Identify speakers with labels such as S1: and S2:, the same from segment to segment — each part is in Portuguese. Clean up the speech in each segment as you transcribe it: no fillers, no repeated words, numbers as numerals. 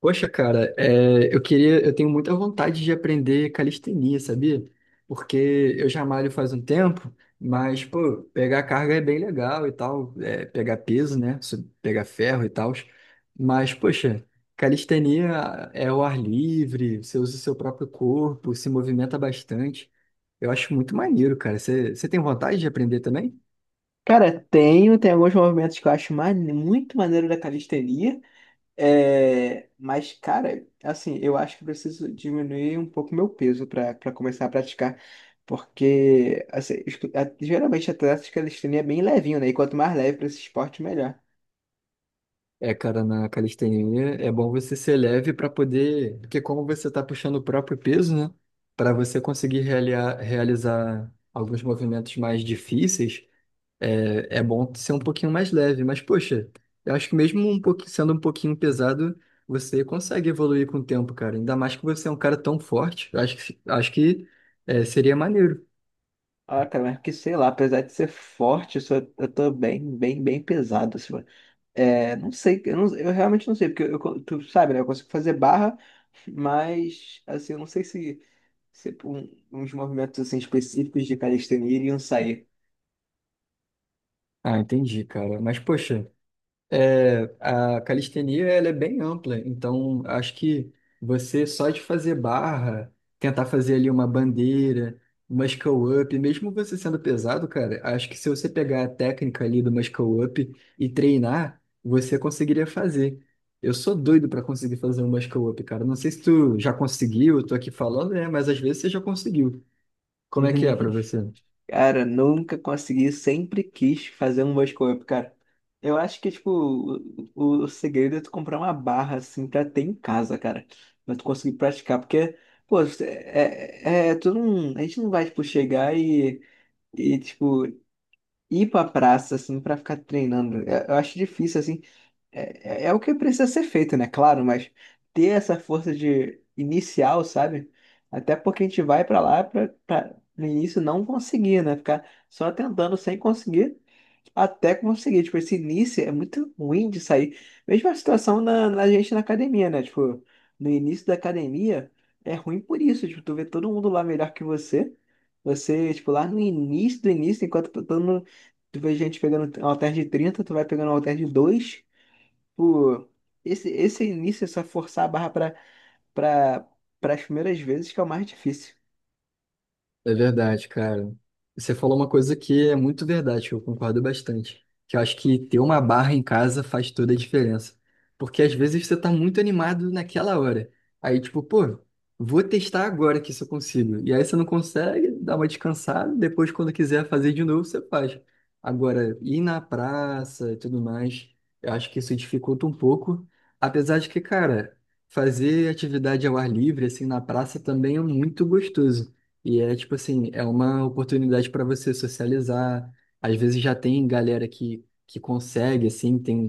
S1: Poxa, cara, é, eu tenho muita vontade de aprender calistenia, sabia? Porque eu já malho faz um tempo, mas, pô, pegar carga é bem legal e tal, é, pegar peso, né? Pegar ferro e tal. Mas, poxa, calistenia é o ar livre, você usa o seu próprio corpo, se movimenta bastante. Eu acho muito maneiro, cara. Você tem vontade de aprender também?
S2: Cara, tenho, tem alguns movimentos que eu acho muito maneiro da calistenia, é, mas, cara, assim, eu acho que eu preciso diminuir um pouco meu peso para começar a praticar, porque, assim, geralmente atletas de calistenia é bem levinho, né? E quanto mais leve para esse esporte, melhor.
S1: É, cara, na calistenia é bom você ser leve para poder, porque como você tá puxando o próprio peso, né? Para você conseguir realizar alguns movimentos mais difíceis, é, é bom ser um pouquinho mais leve. Mas, poxa, eu acho que mesmo um pouquinho, sendo um pouquinho pesado, você consegue evoluir com o tempo, cara. Ainda mais que você é um cara tão forte. Eu acho que é, seria maneiro.
S2: Ah, cara, mas que sei lá, apesar de ser forte, eu tô bem, bem, bem pesado, assim, mano. É, não sei, eu realmente não sei, porque tu sabe, né? Eu consigo fazer barra, mas, assim, eu não sei se. Tipo, uns movimentos assim, específicos de calistenia iriam sair.
S1: Ah, entendi, cara. Mas, poxa. É, a calistenia ela é bem ampla, então acho que você só de fazer barra, tentar fazer ali uma bandeira, muscle up, mesmo você sendo pesado, cara, acho que se você pegar a técnica ali do muscle up e treinar, você conseguiria fazer. Eu sou doido para conseguir fazer um muscle up, cara. Não sei se tu já conseguiu, eu tô aqui falando, né? Mas às vezes você já conseguiu. Como é que é para você?
S2: Cara, nunca consegui, sempre quis fazer um muscle up, cara. Eu acho que, tipo, o segredo é tu comprar uma barra, assim, pra ter em casa, cara. Pra tu conseguir praticar, porque, pô, tu não, a gente não vai, tipo, chegar e, tipo, ir pra praça, assim, pra ficar treinando. Eu acho difícil, assim. É o que precisa ser feito, né? Claro, mas ter essa força de inicial, sabe? Até porque a gente vai pra lá pra no início não conseguir, né? Ficar só tentando sem conseguir até conseguir. Tipo, esse início é muito ruim de sair. Mesma situação na gente na academia, né? Tipo, no início da academia é ruim por isso. Tipo, tu vê todo mundo lá melhor que você. Você, tipo, lá no início do início, enquanto tá todo mundo, tu vê gente pegando um halter de 30, tu vai pegando um halter de 2. Tipo, esse início é só forçar a barra para para as primeiras vezes que é o mais difícil.
S1: É verdade, cara. Você falou uma coisa que é muito verdade, que eu concordo bastante. Que eu acho que ter uma barra em casa faz toda a diferença. Porque às vezes você tá muito animado naquela hora. Aí, tipo, pô, vou testar agora que isso eu consigo. E aí você não consegue, dá uma descansada, depois quando quiser fazer de novo, você faz. Agora, ir na praça e tudo mais, eu acho que isso dificulta um pouco. Apesar de que, cara, fazer atividade ao ar livre, assim, na praça também é muito gostoso. E é tipo assim, é uma oportunidade para você socializar. Às vezes já tem galera que consegue, assim,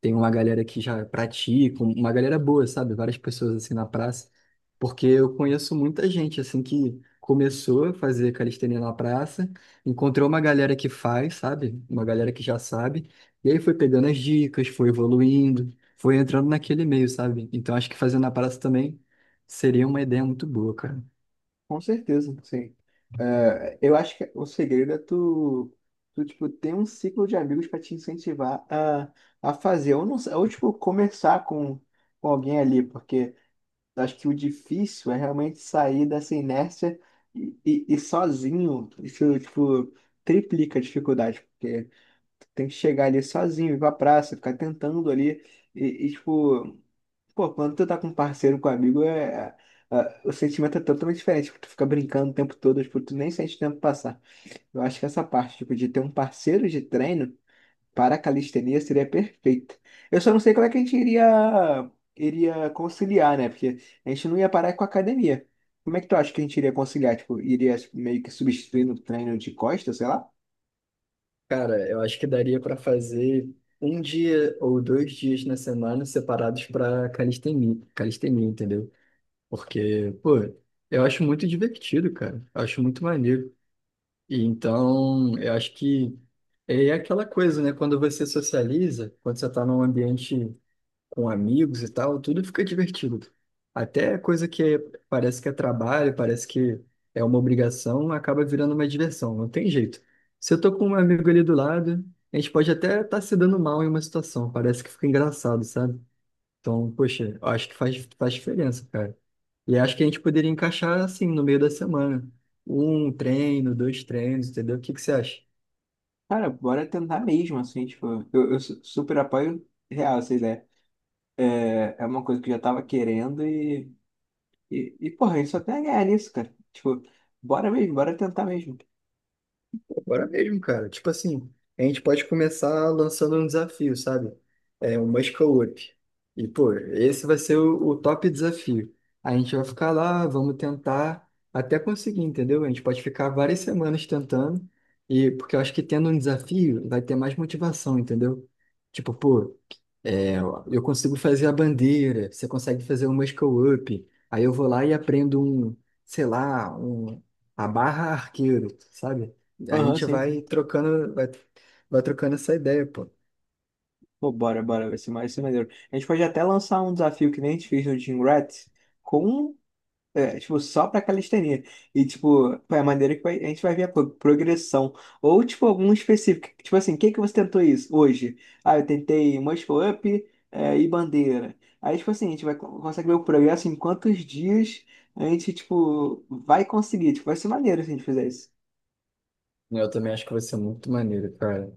S1: tem uma galera que já pratica, uma galera boa, sabe? Várias pessoas assim na praça. Porque eu conheço muita gente assim que começou a fazer calistenia na praça, encontrou uma galera que faz, sabe? Uma galera que já sabe, e aí foi pegando as dicas, foi evoluindo, foi entrando naquele meio, sabe? Então acho que fazer na praça também seria uma ideia muito boa, cara.
S2: Com certeza, sim. É, eu acho que o segredo é tu, tu, tipo, ter um ciclo de amigos para te incentivar a fazer. Ou, não, sei- ou tipo, conversar com alguém ali, porque eu acho que o difícil é realmente sair dessa inércia e sozinho. Isso, tipo, triplica a dificuldade, porque tu tem que chegar ali sozinho, ir pra praça, ficar tentando ali. E, tipo, pô, quando tu tá com um parceiro, com um amigo, o sentimento é totalmente diferente. Tipo, tu fica brincando o tempo todo, tipo, tu nem sente o tempo passar. Eu acho que essa parte, tipo, de ter um parceiro de treino para a calistenia seria perfeita. Eu só não sei como é que a gente iria, iria conciliar, né? Porque a gente não ia parar com a academia. Como é que tu acha que a gente iria conciliar? Tipo, iria meio que substituir no treino de costas, sei lá?
S1: Cara, eu acho que daria para fazer um dia ou dois dias na semana separados para calistenia, entendeu? Porque, pô, eu acho muito divertido, cara. Eu acho muito maneiro. E então, eu acho que é aquela coisa, né? Quando você socializa, quando você tá num ambiente com amigos e tal, tudo fica divertido. Até coisa parece que é trabalho, parece que é uma obrigação, acaba virando uma diversão, não tem jeito. Se eu tô com um amigo ali do lado, a gente pode até estar se dando mal em uma situação, parece que fica engraçado, sabe? Então, poxa, eu acho que faz, faz diferença, cara. E acho que a gente poderia encaixar assim, no meio da semana. Um treino, dois treinos, entendeu? O que você acha?
S2: Cara, bora tentar mesmo, assim, tipo, eu super apoio real essa ideia. É, é uma coisa que eu já tava querendo e porra, isso até é ganhar nisso, cara. Tipo, bora mesmo, bora tentar mesmo.
S1: Bora mesmo, cara. Tipo assim, a gente pode começar lançando um desafio, sabe? É um Muscle Up. E, pô, esse vai ser o top desafio. A gente vai ficar lá, vamos tentar até conseguir, entendeu? A gente pode ficar várias semanas tentando, e porque eu acho que tendo um desafio vai ter mais motivação, entendeu? Tipo, pô, é, eu consigo fazer a bandeira, você consegue fazer o muscle-up. Aí eu vou lá e aprendo sei lá, um, a barra arqueiro, sabe? A
S2: Aham,
S1: gente
S2: sim,
S1: vai
S2: sim.
S1: trocando, vai trocando essa ideia, pô.
S2: Pô, bora, bora, vai ser maneiro. A gente pode até lançar um desafio que nem a gente fez no Jim Rats com. É, tipo, só pra calistenia. E, tipo, é a maneira que a gente vai ver a progressão. Ou, tipo, algum específico. Tipo assim, o que que você tentou isso hoje? Ah, eu tentei muscle up, é, e bandeira. Aí, tipo assim, a gente vai, consegue ver o progresso em quantos dias a gente, tipo, vai conseguir. Tipo, vai ser maneiro se a gente fizer isso.
S1: Eu também acho que vai ser muito maneiro, cara.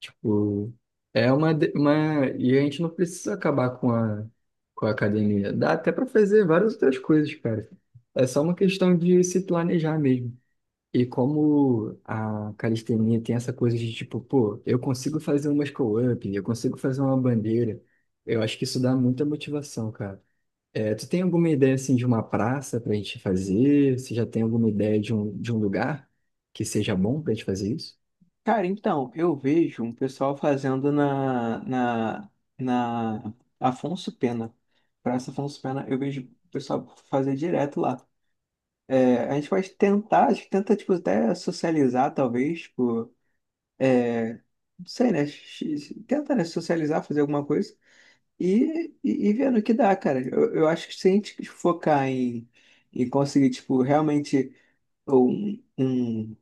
S1: Tipo, é e a gente não precisa acabar com a academia. Dá até pra fazer várias outras coisas, cara. É só uma questão de se planejar mesmo. E como a calistenia tem essa coisa de tipo, pô, eu consigo fazer um muscle-up, eu consigo fazer uma bandeira, eu acho que isso dá muita motivação, cara. É, tu tem alguma ideia, assim, de uma praça pra gente fazer? Você já tem alguma ideia de de um lugar que seja bom pra gente fazer isso?
S2: Cara, então, eu vejo um pessoal fazendo na Afonso Pena. Praça Afonso Pena, eu vejo o pessoal fazer direto lá. É, a gente pode tentar, a gente tenta, tipo, até socializar, talvez, tipo, é, não sei, né? Tenta, né, socializar, fazer alguma coisa e ver no que dá, cara. Eu acho que se a gente focar em conseguir, tipo, realmente um, um,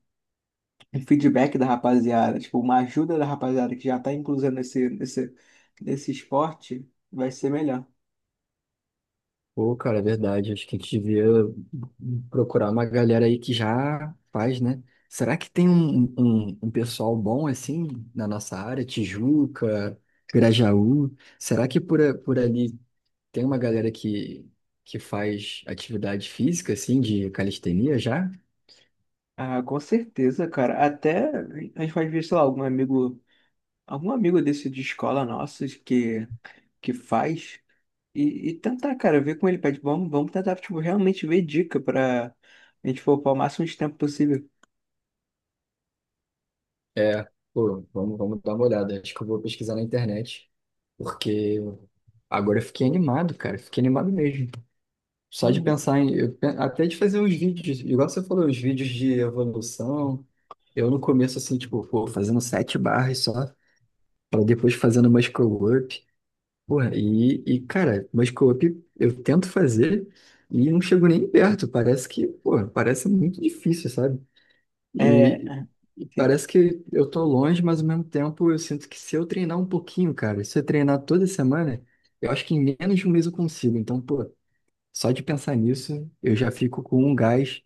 S2: um feedback da rapaziada, tipo, uma ajuda da rapaziada que já tá inclusa nesse esporte, vai ser melhor.
S1: Pô, cara, é verdade. Acho que a gente devia procurar uma galera aí que já faz, né? Será que tem um pessoal bom assim na nossa área? Tijuca, Grajaú? Será que por ali tem uma galera que faz atividade física, assim, de calistenia já?
S2: Ah, com certeza, cara. Até a gente pode ver, sei lá, algum amigo desse de escola nosso que faz e tentar, cara, ver como ele pede. Vamos, vamos tentar, tipo, realmente ver dica pra a gente poupar o máximo de tempo possível.
S1: É, pô, vamos, vamos dar uma olhada. Acho que eu vou pesquisar na internet, porque agora eu fiquei animado, cara. Fiquei animado mesmo. Só de
S2: Uhum.
S1: pensar em. Até de fazer os vídeos, igual você falou, os vídeos de evolução. Eu no começo, assim, tipo, pô, fazendo sete barras só, para depois fazendo muscle up. Porra, cara, muscle up eu tento fazer e não chego nem perto. Parece que, pô, parece muito difícil, sabe?
S2: É,
S1: E, e
S2: assim,
S1: parece que eu tô longe, mas ao mesmo tempo eu sinto que se eu treinar um pouquinho, cara, se eu treinar toda semana, eu acho que em menos de um mês eu consigo. Então, pô. Só de pensar nisso, eu já fico com um gás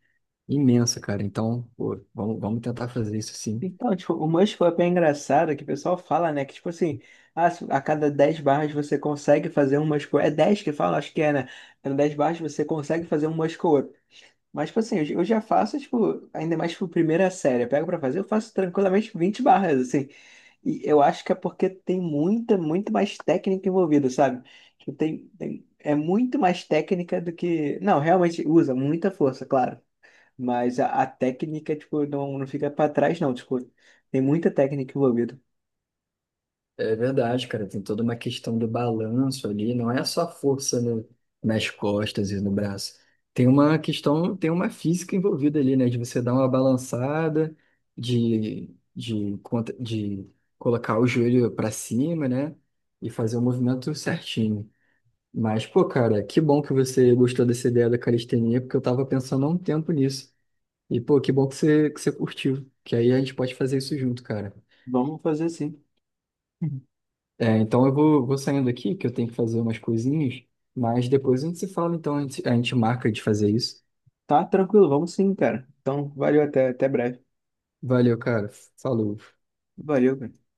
S1: imenso, cara. Então, pô, vamos, vamos tentar fazer isso sim.
S2: então, tipo, o Mush foi bem engraçado que o pessoal fala, né? Que, tipo assim, ah, se a cada 10 barras você consegue fazer um Mush Pull-up. É 10 que fala, acho que é, né? A cada 10 barras você consegue fazer um Mush Up. Mas, tipo assim, eu já faço, tipo, ainda mais, tipo, primeira série. Eu pego pra fazer, eu faço tranquilamente 20 barras, assim. E eu acho que é porque tem muito mais técnica envolvida, sabe? Tipo, é muito mais técnica do que. Não, realmente usa muita força, claro. Mas a técnica, tipo, não, não fica pra trás, não. Tipo, tem muita técnica envolvida.
S1: É verdade, cara. Tem toda uma questão do balanço ali. Não é só força no- nas costas e no braço. Tem uma questão, tem uma física envolvida ali, né? De você dar uma balançada, de colocar o joelho para cima, né? E fazer o movimento certinho. Mas, pô, cara, que bom que você gostou dessa ideia da calistenia, porque eu tava pensando há um tempo nisso. E, pô, que bom que que você curtiu. Que aí a gente pode fazer isso junto, cara.
S2: Vamos fazer sim. Uhum.
S1: É, então vou saindo aqui, que eu tenho que fazer umas coisinhas. Mas depois a gente se fala, então a gente marca de fazer isso.
S2: Tá tranquilo, vamos sim, cara. Então, valeu, até breve.
S1: Valeu, cara. Falou.
S2: Valeu, cara.